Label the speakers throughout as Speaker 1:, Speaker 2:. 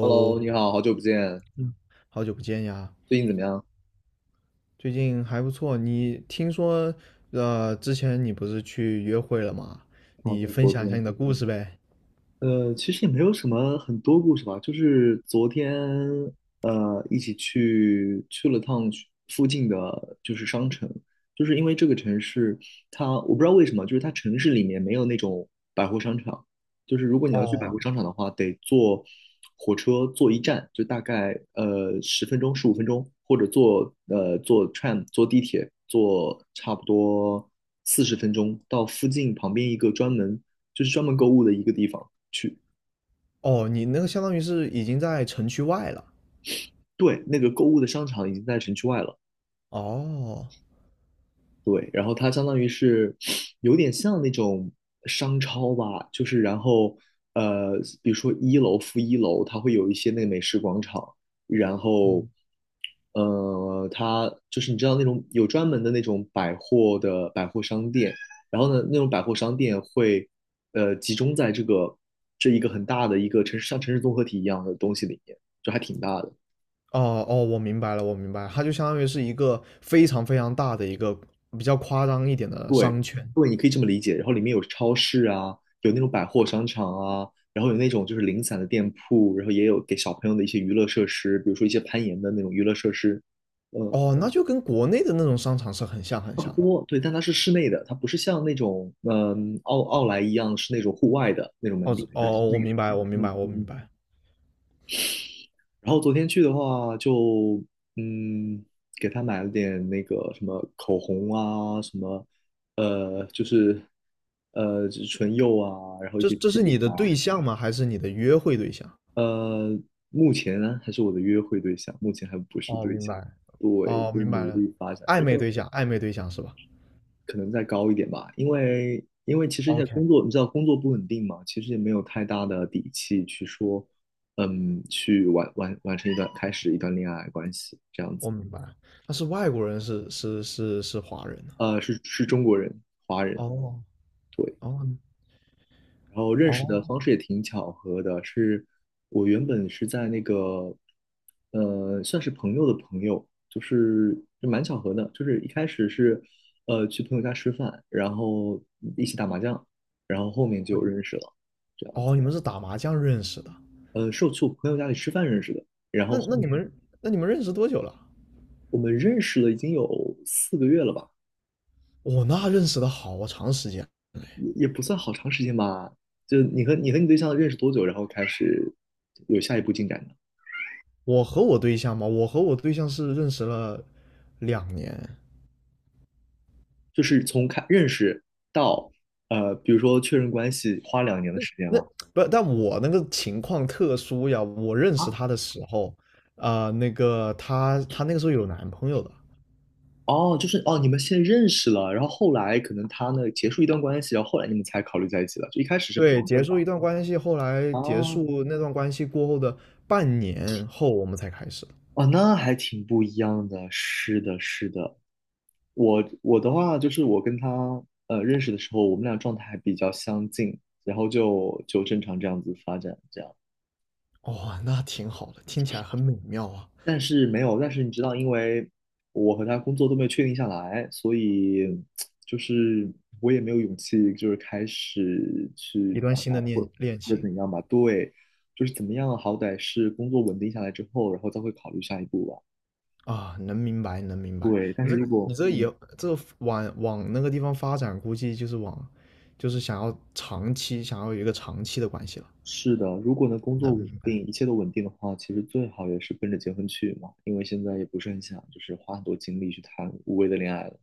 Speaker 1: Hello，你好，好久不见。
Speaker 2: 好久不见呀，
Speaker 1: 最近怎么样？
Speaker 2: 最近还不错。你听说，之前你不是去约会了吗？
Speaker 1: 啊，
Speaker 2: 你
Speaker 1: 对，
Speaker 2: 分
Speaker 1: 昨
Speaker 2: 享一下
Speaker 1: 天。
Speaker 2: 你的故事呗。
Speaker 1: 其实也没有什么很多故事吧，就是昨天一起去了趟去附近的就是商城。就是因为这个城市它我不知道为什么，就是它城市里面没有那种百货商场。就是如果你要去百
Speaker 2: 哦，
Speaker 1: 货商场的话，得坐火车坐一站，就大概十分钟15分钟，或者坐 tram 坐地铁坐差不多40分钟到附近旁边一个专门购物的一个地方。
Speaker 2: 哦，你那个相当于是已经在城区外了。
Speaker 1: 对，那个购物的商场已经在城区外了。
Speaker 2: 哦，
Speaker 1: 对，然后它相当于是有点像那种商超吧。就是然后呃，比如说一楼、负一楼，它会有一些那个美食广场。然后
Speaker 2: 嗯
Speaker 1: 它就是你知道那种有专门的那种百货商店。然后呢，那种百货商店会集中在这一个很大的一个城市，像城市综合体一样的东西里面，就还挺大的。
Speaker 2: 哦，哦，我明白了，我明白了它就相当于是一个非常非常大的一个比较夸张一点的商圈。
Speaker 1: 对，你可以这么理解。然后里面有超市啊，有那种百货商场啊，然后有那种就是零散的店铺，然后也有给小朋友的一些娱乐设施，比如说一些攀岩的那种娱乐设施，呃，
Speaker 2: 哦，那就跟国内的那种商场是很像很
Speaker 1: 差不
Speaker 2: 像的。
Speaker 1: 多。对，但它是室内的，它不是像那种奥莱一样是那种户外的那种门
Speaker 2: 哦，
Speaker 1: 店，它是室
Speaker 2: 哦，
Speaker 1: 内
Speaker 2: 我
Speaker 1: 的。
Speaker 2: 明白，我明
Speaker 1: 嗯
Speaker 2: 白，我
Speaker 1: 嗯
Speaker 2: 明
Speaker 1: 嗯。
Speaker 2: 白。
Speaker 1: 然后昨天去的话就，嗯，给他买了点那个什么口红啊，什么就是就是唇釉啊，然后一
Speaker 2: 这
Speaker 1: 些气
Speaker 2: 这是
Speaker 1: 垫。
Speaker 2: 你的对象吗？还是你的约会对象？
Speaker 1: 呃，目前呢还是我的约会对象，目前还不是
Speaker 2: 哦，
Speaker 1: 对
Speaker 2: 明
Speaker 1: 象。
Speaker 2: 白，
Speaker 1: 对，
Speaker 2: 哦，
Speaker 1: 就是
Speaker 2: 明白
Speaker 1: 努
Speaker 2: 了，
Speaker 1: 力发展吧。
Speaker 2: 暧
Speaker 1: 因
Speaker 2: 昧
Speaker 1: 为
Speaker 2: 对象，暧昧对象是吧
Speaker 1: 可能再高一点吧，因为其实现在
Speaker 2: ？OK，
Speaker 1: 工作，你知道工作不稳定嘛，其实也没有太大的底气去说，去完完完成一段开始一段恋爱关系这样子。
Speaker 2: 我明白了。但是外国人是华人呢、
Speaker 1: 是中国人，华
Speaker 2: 哦
Speaker 1: 人，
Speaker 2: 哦
Speaker 1: 对。
Speaker 2: 哦
Speaker 1: 然后认识
Speaker 2: 哦，
Speaker 1: 的方式也挺巧合的，是我原本是在那个，算是朋友的朋友。就是就蛮巧合的，就是一开始是，去朋友家吃饭，然后一起打麻将，然后后面就认
Speaker 2: 你
Speaker 1: 识了，这样子。
Speaker 2: 哦你们是打麻将认识的？
Speaker 1: 是我去我朋友家里吃饭认识的，然后
Speaker 2: 那
Speaker 1: 后
Speaker 2: 那
Speaker 1: 面
Speaker 2: 你们那你们认识多久了？
Speaker 1: 我们认识了已经有4个月了吧。
Speaker 2: 那认识的好长时间。
Speaker 1: 也不算好长时间吧。就你和你对象认识多久，然后开始有下一步进展？
Speaker 2: 我和我对象嘛，我和我对象是认识了2年。
Speaker 1: 就是从认识到比如说确认关系，花2年的时间
Speaker 2: 那
Speaker 1: 吗？
Speaker 2: 不，但我那个情况特殊呀。我认识
Speaker 1: 啊，
Speaker 2: 他的时候，那个他那个时候有男朋友的。
Speaker 1: 哦，就是哦，你们先认识了，然后后来可能他呢结束一段关系，然后后来你们才考虑在一起了。就一开始是朋
Speaker 2: 对，
Speaker 1: 友
Speaker 2: 结束一
Speaker 1: 俩
Speaker 2: 段关系，后来结
Speaker 1: 啊。
Speaker 2: 束那段关系过后的半年后，我们才开始。
Speaker 1: 哦，那还挺不一样的。是的，是的。我的话就是我跟他认识的时候，我们俩状态还比较相近，然后就正常这样子发展，这样。
Speaker 2: 哦，那挺好的，听起来很美妙啊！
Speaker 1: 但是没有，但是你知道，因为我和他工作都没有确定下来，所以就是我也没有勇气，就是开始去
Speaker 2: 一段
Speaker 1: 表
Speaker 2: 新
Speaker 1: 达
Speaker 2: 的恋恋
Speaker 1: 或者
Speaker 2: 情
Speaker 1: 怎样吧。对，就是怎么样，好歹是工作稳定下来之后，然后再会考虑下一步吧。
Speaker 2: 啊，能明白，能明白。
Speaker 1: 对，但
Speaker 2: 你
Speaker 1: 是
Speaker 2: 这
Speaker 1: 如果
Speaker 2: 你这以后这往那个地方发展，估计就是往，就是想要长期，想要有一个长期的关系了。
Speaker 1: 是的。如果能工作稳定，一切都稳定的话，其实最好也是奔着结婚去嘛，因为现在也不是很想就是花很多精力去谈无谓的恋爱了。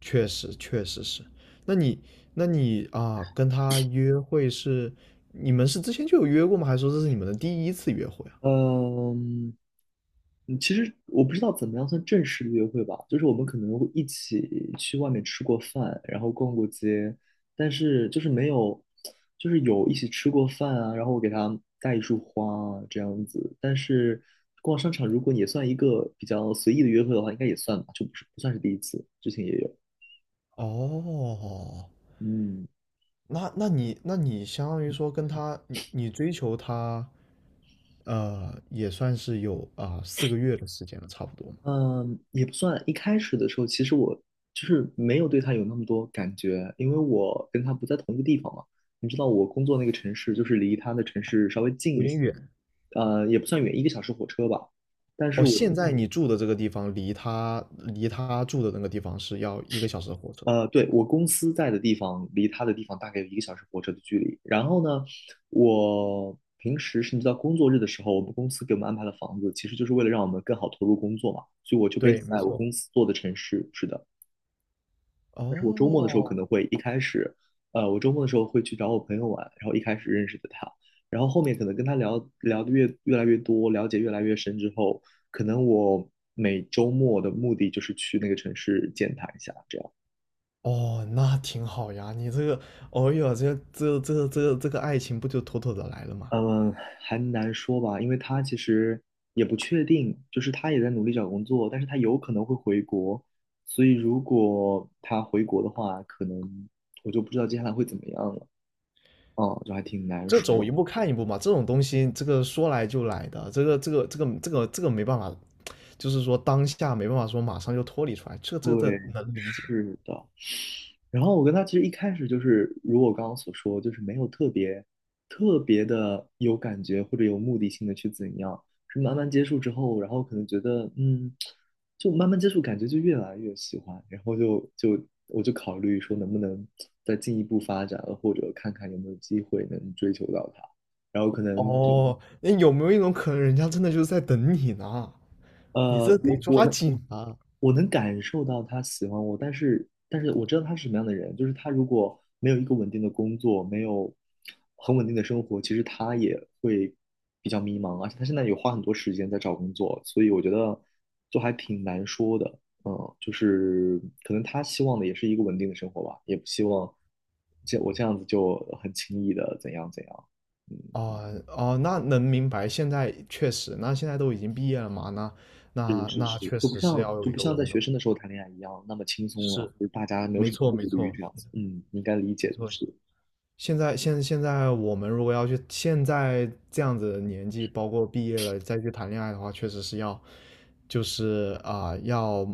Speaker 2: 确实，确实是。那你那你，跟他约会是你们是之前就有约过吗？还是说这是你们的第一次约会啊？
Speaker 1: 嗯，其实我不知道怎么样算正式的约会吧，就是我们可能会一起去外面吃过饭，然后逛过街，但是就是没有，就是有一起吃过饭啊，然后我给他带一束花啊，这样子。但是逛商场如果也算一个比较随意的约会的话，应该也算吧，就不是不算是第一次，之前也有。
Speaker 2: 哦，
Speaker 1: 嗯。
Speaker 2: 那你相当于说跟他，你追求他，也算是有4个月的时间了，差不多嘛，
Speaker 1: 嗯，也不算。一开始的时候，其实我就是没有对他有那么多感觉，因为我跟他不在同一个地方嘛。你知道，我工作那个城市就是离他的城市稍微近
Speaker 2: 有
Speaker 1: 一
Speaker 2: 点
Speaker 1: 些，
Speaker 2: 远。
Speaker 1: 也不算远，一个小时火车吧。但是
Speaker 2: 哦，
Speaker 1: 我，
Speaker 2: 现在你住的这个地方离他住的那个地方是要1个小时的火车。
Speaker 1: 对，我公司在的地方离他的地方大概有一个小时火车的距离。然后呢，我平时甚至到工作日的时候，我们公司给我们安排了房子，其实就是为了让我们更好投入工作嘛。所以我就 base
Speaker 2: 对，没
Speaker 1: 在我
Speaker 2: 错。
Speaker 1: 公司做的城市，是的。但是我周末的时候可
Speaker 2: 哦
Speaker 1: 能会一开始，我周末的时候会去找我朋友玩，然后一开始认识的他，然后后面可能跟他聊聊的越来越多，了解越来越深之后，可能我每周末的目的就是去那个城市见他一下，这样。
Speaker 2: 哦，那挺好呀，你这个，哦哟，这个爱情不就妥妥的来了吗？
Speaker 1: 嗯，还难说吧，因为他其实也不确定，就是他也在努力找工作，但是他有可能会回国，所以如果他回国的话，可能我就不知道接下来会怎么样了，就还挺难
Speaker 2: 这走
Speaker 1: 说
Speaker 2: 一
Speaker 1: 的。
Speaker 2: 步看一步嘛，这种东西，这个说来就来的，这个没办法，就是说当下没办法说马上就脱离出来，这
Speaker 1: 对，
Speaker 2: 能理解。
Speaker 1: 是的，然后我跟他其实一开始就是，如我刚刚所说，就是没有特别特别的有感觉或者有目的性的去怎样，是慢慢接触之后，然后可能觉得就慢慢接触，感觉就越来越喜欢，然后我就考虑说能不能再进一步发展，或者看看有没有机会能追求到他，然后可能就
Speaker 2: 哦，那有没有一种可能，人家真的就是在等你呢？你这得
Speaker 1: 我我
Speaker 2: 抓
Speaker 1: 能
Speaker 2: 紧啊！
Speaker 1: 我能感受到他喜欢我，但是我知道他是什么样的人，就是他如果没有一个稳定的工作，没有很稳定的生活，其实他也会比较迷茫，而且他现在也花很多时间在找工作，所以我觉得就还挺难说的，就是可能他希望的也是一个稳定的生活吧，也不希望这我这样子就很轻易的怎样怎样，嗯。
Speaker 2: 哦哦，那能明白。现在确实，那现在都已经毕业了嘛，那
Speaker 1: 是
Speaker 2: 那
Speaker 1: 是
Speaker 2: 那
Speaker 1: 是，
Speaker 2: 确
Speaker 1: 就不
Speaker 2: 实是
Speaker 1: 像
Speaker 2: 要有
Speaker 1: 就
Speaker 2: 一
Speaker 1: 不
Speaker 2: 个
Speaker 1: 像
Speaker 2: 稳
Speaker 1: 在
Speaker 2: 定的
Speaker 1: 学
Speaker 2: 工
Speaker 1: 生的时
Speaker 2: 作，
Speaker 1: 候谈恋爱一样那么轻松了，
Speaker 2: 是，
Speaker 1: 就是大家没有
Speaker 2: 没
Speaker 1: 什么
Speaker 2: 错
Speaker 1: 顾
Speaker 2: 没
Speaker 1: 虑
Speaker 2: 错
Speaker 1: 这样子。嗯，应该理解
Speaker 2: 没
Speaker 1: 的。
Speaker 2: 错。
Speaker 1: 是
Speaker 2: 现在我们如果要去现在这样子的年纪，包括毕业了再去谈恋爱的话，确实是要，就是要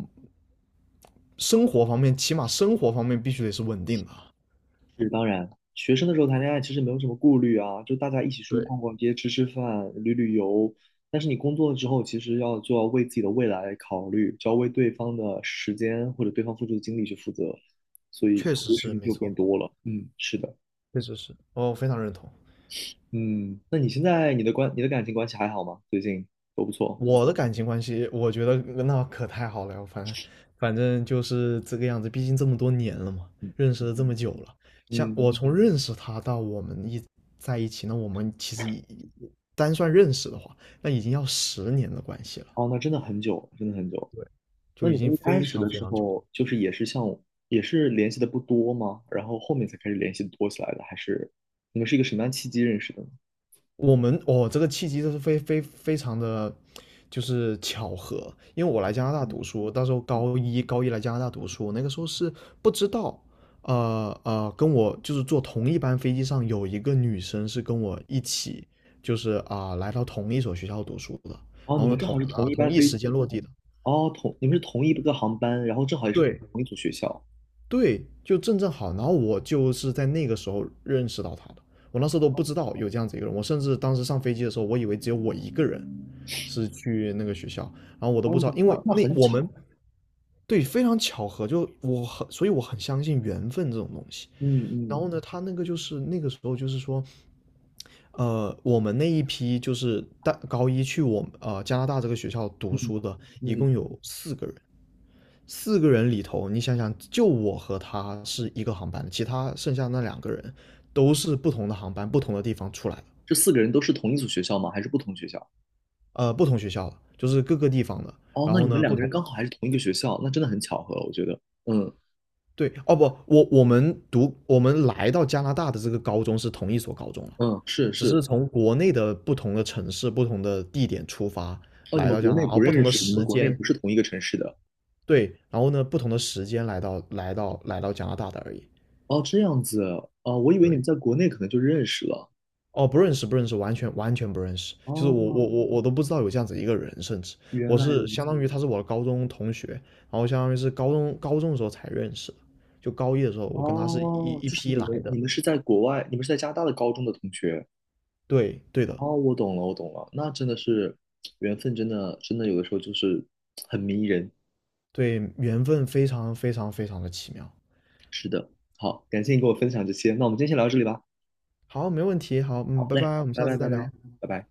Speaker 2: 生活方面，起码生活方面必须得是稳定的。
Speaker 1: 是，当然，学生的时候谈恋爱其实没有什么顾虑啊，就大家一起出去
Speaker 2: 对，
Speaker 1: 逛逛街、吃吃饭、旅旅游。但是你工作了之后，其实就要为自己的未来考虑，就要为对方的时间或者对方付出的精力去负责，所以
Speaker 2: 确
Speaker 1: 考
Speaker 2: 实
Speaker 1: 虑的事
Speaker 2: 是
Speaker 1: 情
Speaker 2: 没
Speaker 1: 就变
Speaker 2: 错，
Speaker 1: 多了。嗯，是的。
Speaker 2: 确实是，哦，非常认同。
Speaker 1: 嗯，那你现在你的感情关系还好吗？最近都不错。
Speaker 2: 我的感情关系，我觉得那可太好了，反正就是这个样子，毕竟这么多年了嘛，
Speaker 1: 嗯
Speaker 2: 认识了这
Speaker 1: 嗯。
Speaker 2: 么久了，像我
Speaker 1: 嗯，
Speaker 2: 从认识他到我们在一起，那我们其实单算认识的话，那已经要10年的关系了，
Speaker 1: 哦，那真的很久，真的很久。
Speaker 2: 对，
Speaker 1: 那
Speaker 2: 就已
Speaker 1: 你
Speaker 2: 经
Speaker 1: 们一开
Speaker 2: 非
Speaker 1: 始
Speaker 2: 常
Speaker 1: 的
Speaker 2: 非
Speaker 1: 时
Speaker 2: 常久。
Speaker 1: 候，就是也是联系的不多吗？然后后面才开始联系多起来的，还是你们是一个什么样契机认识的呢？
Speaker 2: 我们哦，这个契机就是非常的，就是巧合。因为我来加拿大
Speaker 1: 嗯，
Speaker 2: 读书，到时候高一来加拿大读书，那个时候是不知道，跟我就是坐同一班飞机上有一个女生是跟我一起，就是来到同一所学校读书的，
Speaker 1: 哦，
Speaker 2: 然
Speaker 1: 你
Speaker 2: 后呢
Speaker 1: 们正
Speaker 2: 同
Speaker 1: 好是
Speaker 2: 啊、
Speaker 1: 同一
Speaker 2: 同
Speaker 1: 班
Speaker 2: 一
Speaker 1: 飞机。
Speaker 2: 时间落地的，
Speaker 1: 哦，你们是同一个航班，然后正好也是
Speaker 2: 对，
Speaker 1: 同一所学校。
Speaker 2: 对，就正好，然后我就是在那个时候认识到他的，我那时候都不知道有这样子一个人，我甚至当时上飞机的时候，我以为只有我一个人是去那个学校，然后我都不
Speaker 1: 哦，
Speaker 2: 知道，因为
Speaker 1: 那
Speaker 2: 那
Speaker 1: 很
Speaker 2: 我
Speaker 1: 巧。
Speaker 2: 们对非常巧合，就我很，所以我很相信缘分这种东西。
Speaker 1: 嗯
Speaker 2: 然
Speaker 1: 嗯
Speaker 2: 后呢，他那个就是那个时候就是说，我们那一批就是大高一去加拿大这个学校读
Speaker 1: 嗯
Speaker 2: 书的，一
Speaker 1: 嗯。
Speaker 2: 共有四个人。四个人里头，你想想，就我和他是一个航班的其他剩下那两个人都是不同的航班、不同的地方出来的，
Speaker 1: 这四个人都是同一所学校吗？还是不同学校？
Speaker 2: 不同学校的，就是各个地方的。
Speaker 1: 哦，
Speaker 2: 然
Speaker 1: 那
Speaker 2: 后
Speaker 1: 你们
Speaker 2: 呢，
Speaker 1: 两
Speaker 2: 不
Speaker 1: 个人
Speaker 2: 同，
Speaker 1: 刚好还是同一个学校，那真的很巧合，我觉得。嗯
Speaker 2: 对，哦不，我们来到加拿大的这个高中是同一所高中了，
Speaker 1: 嗯，是
Speaker 2: 只是
Speaker 1: 是，
Speaker 2: 从国内的不同的城市、不同的地点出发
Speaker 1: 哦，你
Speaker 2: 来
Speaker 1: 们
Speaker 2: 到加
Speaker 1: 国
Speaker 2: 拿
Speaker 1: 内
Speaker 2: 大，
Speaker 1: 不
Speaker 2: 而不同
Speaker 1: 认
Speaker 2: 的
Speaker 1: 识，你们
Speaker 2: 时
Speaker 1: 国内
Speaker 2: 间
Speaker 1: 不是同一个城市的。
Speaker 2: 对，然后呢，不同的时间来到加拿大的而已。
Speaker 1: 哦，这样子。哦，我以为
Speaker 2: 对，
Speaker 1: 你们在国内可能就认识了。
Speaker 2: 哦，不认识，不认识，完全完全不认识。就是我
Speaker 1: 哦，
Speaker 2: 我我我都不知道有这样子一个人，甚至
Speaker 1: 原
Speaker 2: 我
Speaker 1: 来如
Speaker 2: 是相当
Speaker 1: 此。
Speaker 2: 于他是我的高中同学，然后相当于是高中的时候才认识的，就高一的时候我跟他是一
Speaker 1: 哦，
Speaker 2: 一
Speaker 1: 就是
Speaker 2: 批来
Speaker 1: 你
Speaker 2: 的。
Speaker 1: 们是在国外，你们是在加拿大的高中的同学。
Speaker 2: 对对的，
Speaker 1: 哦，我懂了，我懂了，那真的是缘分，真的，真的有的时候就是
Speaker 2: 对，缘分非常非常非常的奇妙。
Speaker 1: 是的。好，感谢你跟我分享这些，那我们今天先聊到这里吧。
Speaker 2: 好，没问题，好，嗯，
Speaker 1: 好
Speaker 2: 拜
Speaker 1: 嘞，
Speaker 2: 拜，我们
Speaker 1: 拜
Speaker 2: 下次
Speaker 1: 拜，
Speaker 2: 再
Speaker 1: 拜
Speaker 2: 聊。
Speaker 1: 拜，拜拜。